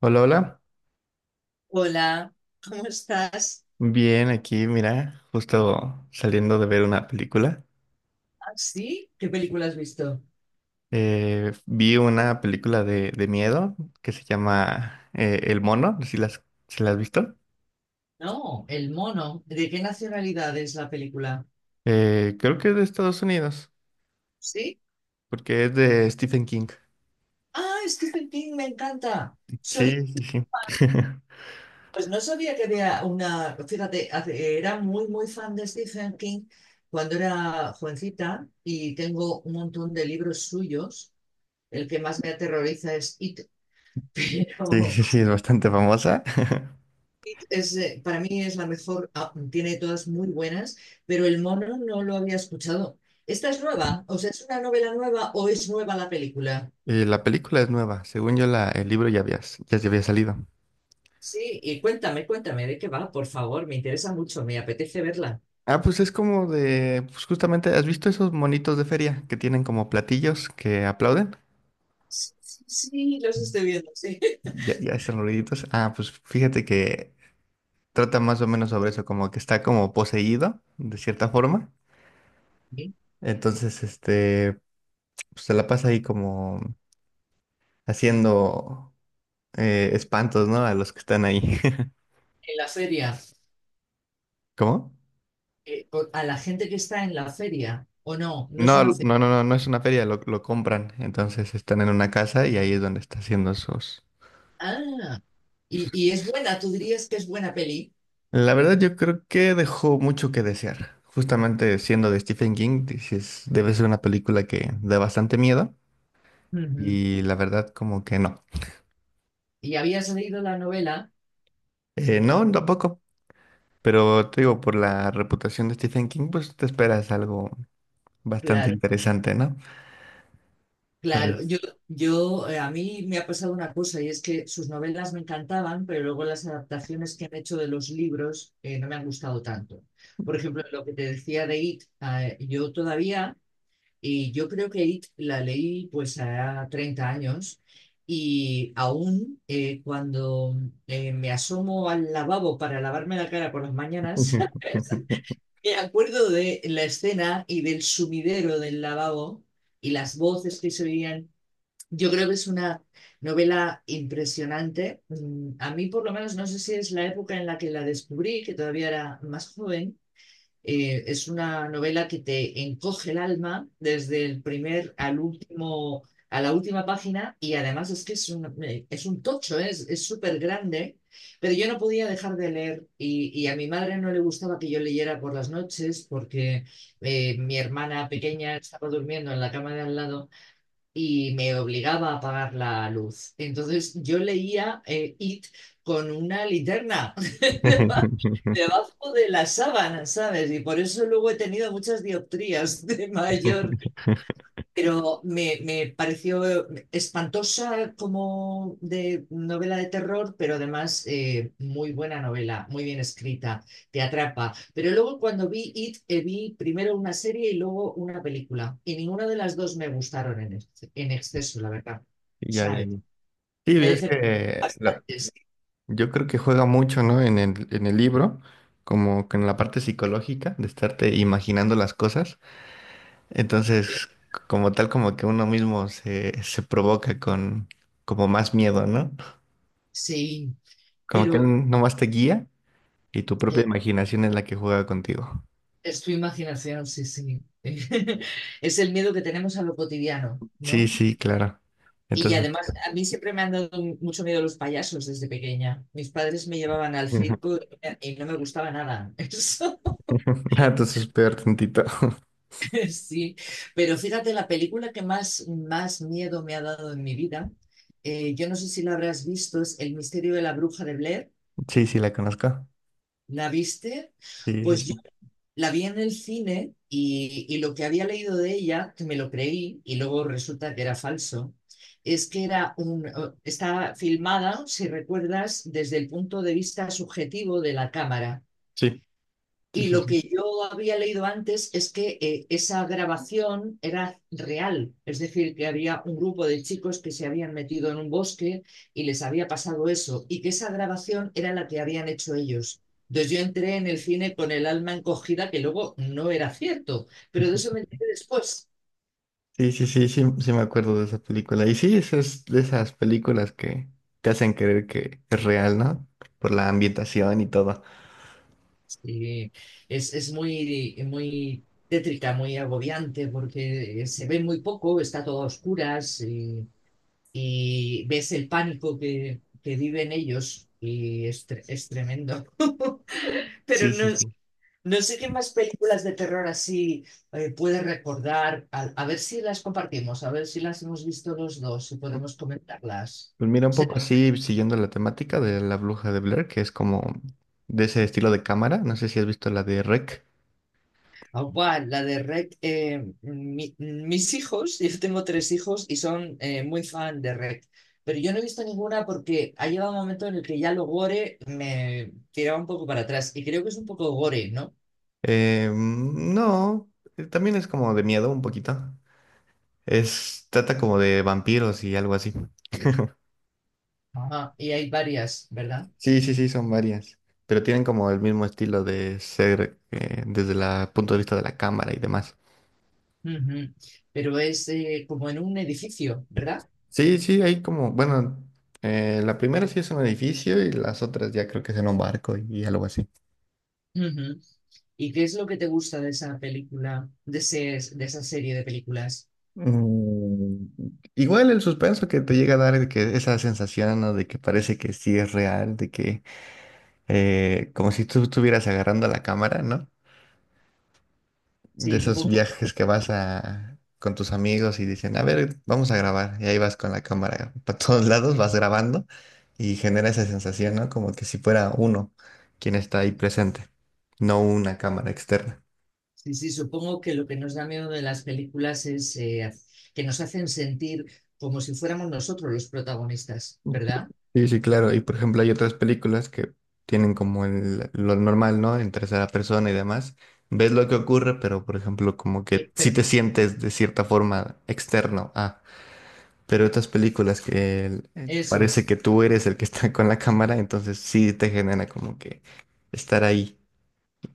Hola, hola. Hola, ¿cómo estás? Bien, aquí, mira, justo saliendo de ver una película. ¿Ah, sí? ¿Qué película has visto? Vi una película de miedo que se llama El Mono, si la has visto. No, El Mono. ¿De qué nacionalidad es la película? Creo que es de Estados Unidos, ¿Sí? porque es de Stephen King. Ah, Stephen King, me encanta. Sí, sí, sí. Pues no sabía que había una, fíjate, era muy, muy fan de Stephen King cuando era jovencita y tengo un montón de libros suyos. El que más me aterroriza es It. Sí, Pero sí, sí, es bastante famosa. Para mí es la mejor, tiene todas muy buenas, pero El Mono no lo había escuchado. ¿Esta es nueva? O sea, ¿es una novela nueva o es nueva la película? Y la película es nueva. Según yo, el libro ya había, ya se había salido. Sí, y cuéntame, cuéntame de qué va, por favor, me interesa mucho, me apetece verla. Ah, pues es como de, pues justamente, ¿has visto esos monitos de feria que tienen como platillos que aplauden? Sí, sí, sí, los estoy viendo, sí. Ya, ya están ruiditos. Ah, pues fíjate que trata más o menos sobre eso, como que está como poseído, de cierta forma. Sí. Entonces, pues, se la pasa ahí como haciendo espantos, ¿no? A los que están ahí. En la feria, ¿Cómo? A la gente que está en la feria, o no, no es No, una no, feria. no, no, no es una feria, lo compran. Entonces están en una casa y ahí es donde está haciendo sus... Ah, y es buena, tú dirías que es buena peli. La verdad, yo creo que dejó mucho que desear. Justamente siendo de Stephen King, dices, debe ser una película que da bastante miedo. Ujú. Y la verdad, como que no. Y habías leído la novela, No, tampoco. Pero te digo, por la reputación de Stephen King, pues te esperas algo bastante claro. interesante, ¿no? Claro, Pues- yo a mí me ha pasado una cosa y es que sus novelas me encantaban, pero luego las adaptaciones que han hecho de los libros no me han gustado tanto. Por ejemplo, lo que te decía de It, y yo creo que It la leí pues a 30 años y aún cuando me asomo al lavabo para lavarme la cara por las mañanas, me acuerdo de la escena y del sumidero del lavabo y las voces que se oían. Yo creo que es una novela impresionante. A mí, por lo menos, no sé si es la época en la que la descubrí, que todavía era más joven. Es una novela que te encoge el alma desde el primer al último, a la última página, y además es que es un tocho, ¿eh? Es súper grande. Pero yo no podía dejar de leer, y, a mi madre no le gustaba que yo leyera por las noches, porque mi hermana pequeña estaba durmiendo en la cama de al lado y me obligaba a apagar la luz. Entonces yo leía It con una linterna debajo de la sábana, ¿sabes? Y por eso luego he tenido muchas dioptrías de mayor. Pero me pareció espantosa como de novela de terror, pero además muy buena novela, muy bien escrita, te atrapa. Pero luego cuando vi It, vi primero una serie y luego una película. Y ninguna de las dos me gustaron en exceso, la verdad. Ya, ya, ¿Sabes? ya. Sí, Me decepcionaron bastante. Sí, yo creo que juega mucho, ¿no? En el libro, como que en la parte psicológica de estarte imaginando las cosas. Entonces, como tal, como que uno mismo se provoca con como más miedo, ¿no? sí, Como que pero él nomás te guía. Y tu propia eh, imaginación es la que juega contigo. es tu imaginación, sí, sí. Es el miedo que tenemos a lo cotidiano, ¿no? Sí, sí, claro. Y Entonces, además, a mí siempre me han dado mucho miedo los payasos desde pequeña. Mis padres me llevaban al circo y no me gustaba nada. Eso, ah, entonces peor tantito. sí. Pero fíjate, la película que más, más miedo me ha dado en mi vida, yo no sé si la habrás visto, es El misterio de la bruja de Blair. Sí, sí, la conozco. ¿La viste? Sí, sí, Pues sí. la vi en el cine y, lo que había leído de ella, que me lo creí y luego resulta que era falso, es que era un, está filmada, si recuerdas, desde el punto de vista subjetivo de la cámara. Sí, sí, Y sí, lo sí. que yo había leído antes es que esa grabación era real, es decir, que había un grupo de chicos que se habían metido en un bosque y les había pasado eso, y que esa grabación era la que habían hecho ellos. Entonces yo entré en el cine con el alma encogida, que luego no era cierto, pero de eso me enteré después. Sí, sí, sí, sí, sí me acuerdo de esa película. Y sí, eso es de esas películas que te hacen creer que es real, ¿no? Por la ambientación y todo. Sí, es muy, muy tétrica, muy agobiante, porque se ve muy poco, está todo a oscuras. Y ves el pánico que viven ellos y es tremendo. Pero Sí, no, sí, sí. no sé qué más películas de terror así puedes recordar. A ver si las compartimos, a ver si las hemos visto los dos, si podemos comentarlas. Pues mira, un Se- poco así, siguiendo la temática de La Bruja de Blair, que es como de ese estilo de cámara. No sé si has visto la de REC. Ah, buah, la de Rec, mis hijos, yo tengo tres hijos y son muy fan de Rec, pero yo no he visto ninguna porque ha llegado un momento en el que ya lo gore me tiraba un poco para atrás y creo que es un poco gore, ¿no? No, también es como de miedo un poquito. Es, trata como de vampiros y algo así. Ajá, y hay varias, ¿verdad? Sí, sí, sí, son varias. Pero tienen como el mismo estilo de ser desde el punto de vista de la cámara y demás. Ujú. Pero es como en un edificio, ¿verdad? Sí, sí, hay como, bueno, la primera sí es un edificio y las otras ya creo que es en un barco y algo así. Ujú. ¿Y qué es lo que te gusta de esa película, de ese, de esa serie de películas? Mm, igual el suspenso que te llega a dar de que esa sensación, ¿no? De que parece que sí es real, de que como si tú estuvieras agarrando la cámara, ¿no? De Sí, esos supongo, viajes que vas con tus amigos y dicen, a ver, vamos a grabar. Y ahí vas con la cámara para todos lados, vas grabando y genera esa sensación, ¿no? Como que si fuera uno quien está ahí presente, no una cámara externa. sí, sí, supongo que lo que nos da miedo de las películas es que nos hacen sentir como si fuéramos nosotros los protagonistas, ¿verdad? Sí, sí, claro. Y por ejemplo, hay otras películas que tienen como lo normal, ¿no? En tercera persona y demás. Ves lo que ocurre, pero por ejemplo, como que Eh, sí perdón, te sientes de cierta forma externo. Pero otras películas que eso parece es. que tú eres el que está con la cámara, entonces sí te genera como que estar ahí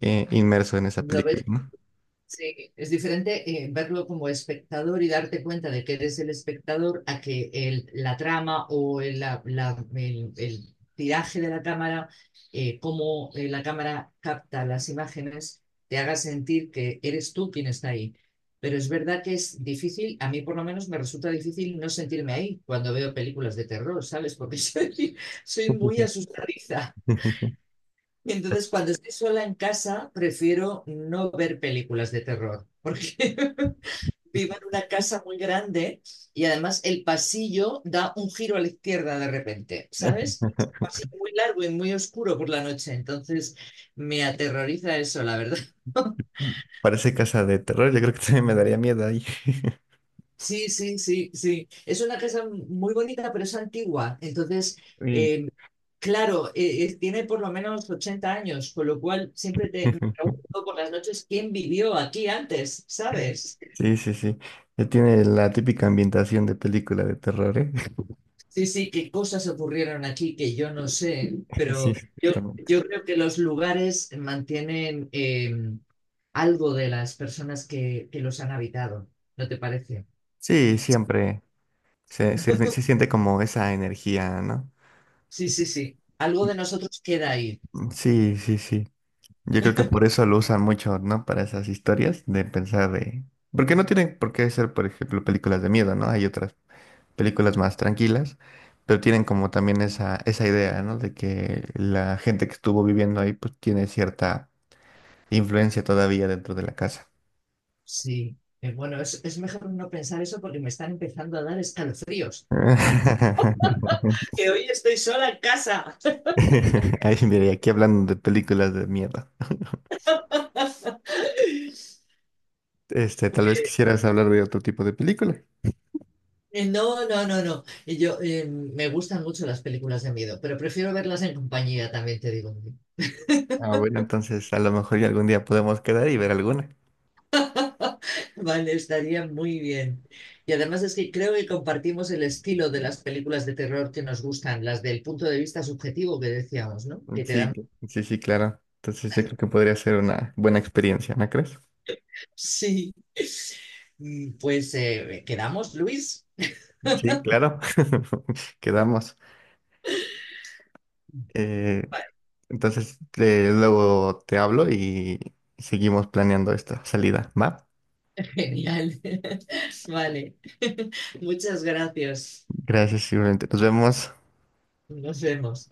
inmerso en esa ¿Lo película, ves? ¿no? Sí, es diferente verlo como espectador y darte cuenta de que eres el espectador a que la trama o el tiraje de la cámara, cómo la cámara capta las imágenes, te haga sentir que eres tú quien está ahí. Pero es verdad que es difícil, a mí por lo menos me resulta difícil no sentirme ahí cuando veo películas de terror, ¿sabes? Porque soy muy asustadiza. Entonces, cuando estoy sola en casa, prefiero no ver películas de terror, porque vivo en una casa muy grande y además el pasillo da un giro a la izquierda de repente, ¿sabes? Es un pasillo muy largo y muy oscuro por la noche, entonces me aterroriza eso, la verdad. Parece casa de terror, yo creo que también me daría miedo ahí. Sí, sí, sí, sí. Es una casa muy bonita, pero es antigua, entonces Y em, claro, tiene por lo menos 80 años, con lo cual siempre te me pregunto por las noches quién vivió aquí antes, ¿sabes? sí, sí, sí. Ya tiene la típica ambientación de película de terror, ¿eh? Sí, sí, qué cosas ocurrieron aquí que yo no sé, Sí, pero yo, exactamente. yo creo que los lugares mantienen algo de las personas que los han habitado, ¿no te parece? Sí, siempre se siente como esa energía, ¿no? Sí, sí, sí, algo de nosotros queda ahí, Mm, sí, sí, sí. Yo creo que por eso lo usan mucho, ¿no? Para esas historias de pensar de... Porque no tienen por qué ser, por ejemplo, películas de miedo, ¿no? Hay otras películas más tranquilas, pero tienen como también esa idea, ¿no? De que la gente que estuvo viviendo ahí, pues tiene cierta influencia todavía dentro de la casa. sí. Bueno, es mejor no pensar eso porque me están empezando a dar escalofríos. Que hoy estoy sola en casa. Ay, mira, y aquí hablando de películas de miedo. Este, tal vez quisieras hablar de otro tipo de película. No, no, no, no. Y yo, me gustan mucho las películas de miedo, pero prefiero verlas en compañía, también te digo. Ah, bueno, entonces a lo mejor ya algún día podemos quedar y ver alguna. Vale, estaría muy bien. Y además es que creo que compartimos el estilo de las películas de terror que nos gustan, las del punto de vista subjetivo que decíamos, ¿no? Que te Sí, dan... sí, sí, claro. Entonces yo creo que podría ser una buena experiencia, ¿no crees? Sí. Pues quedamos, Luis. Sí, claro. Quedamos. Eh, entonces luego te hablo y seguimos planeando esta salida, ¿va? Genial. Vale. Muchas gracias. Gracias, igualmente. Nos vemos. Nos vemos.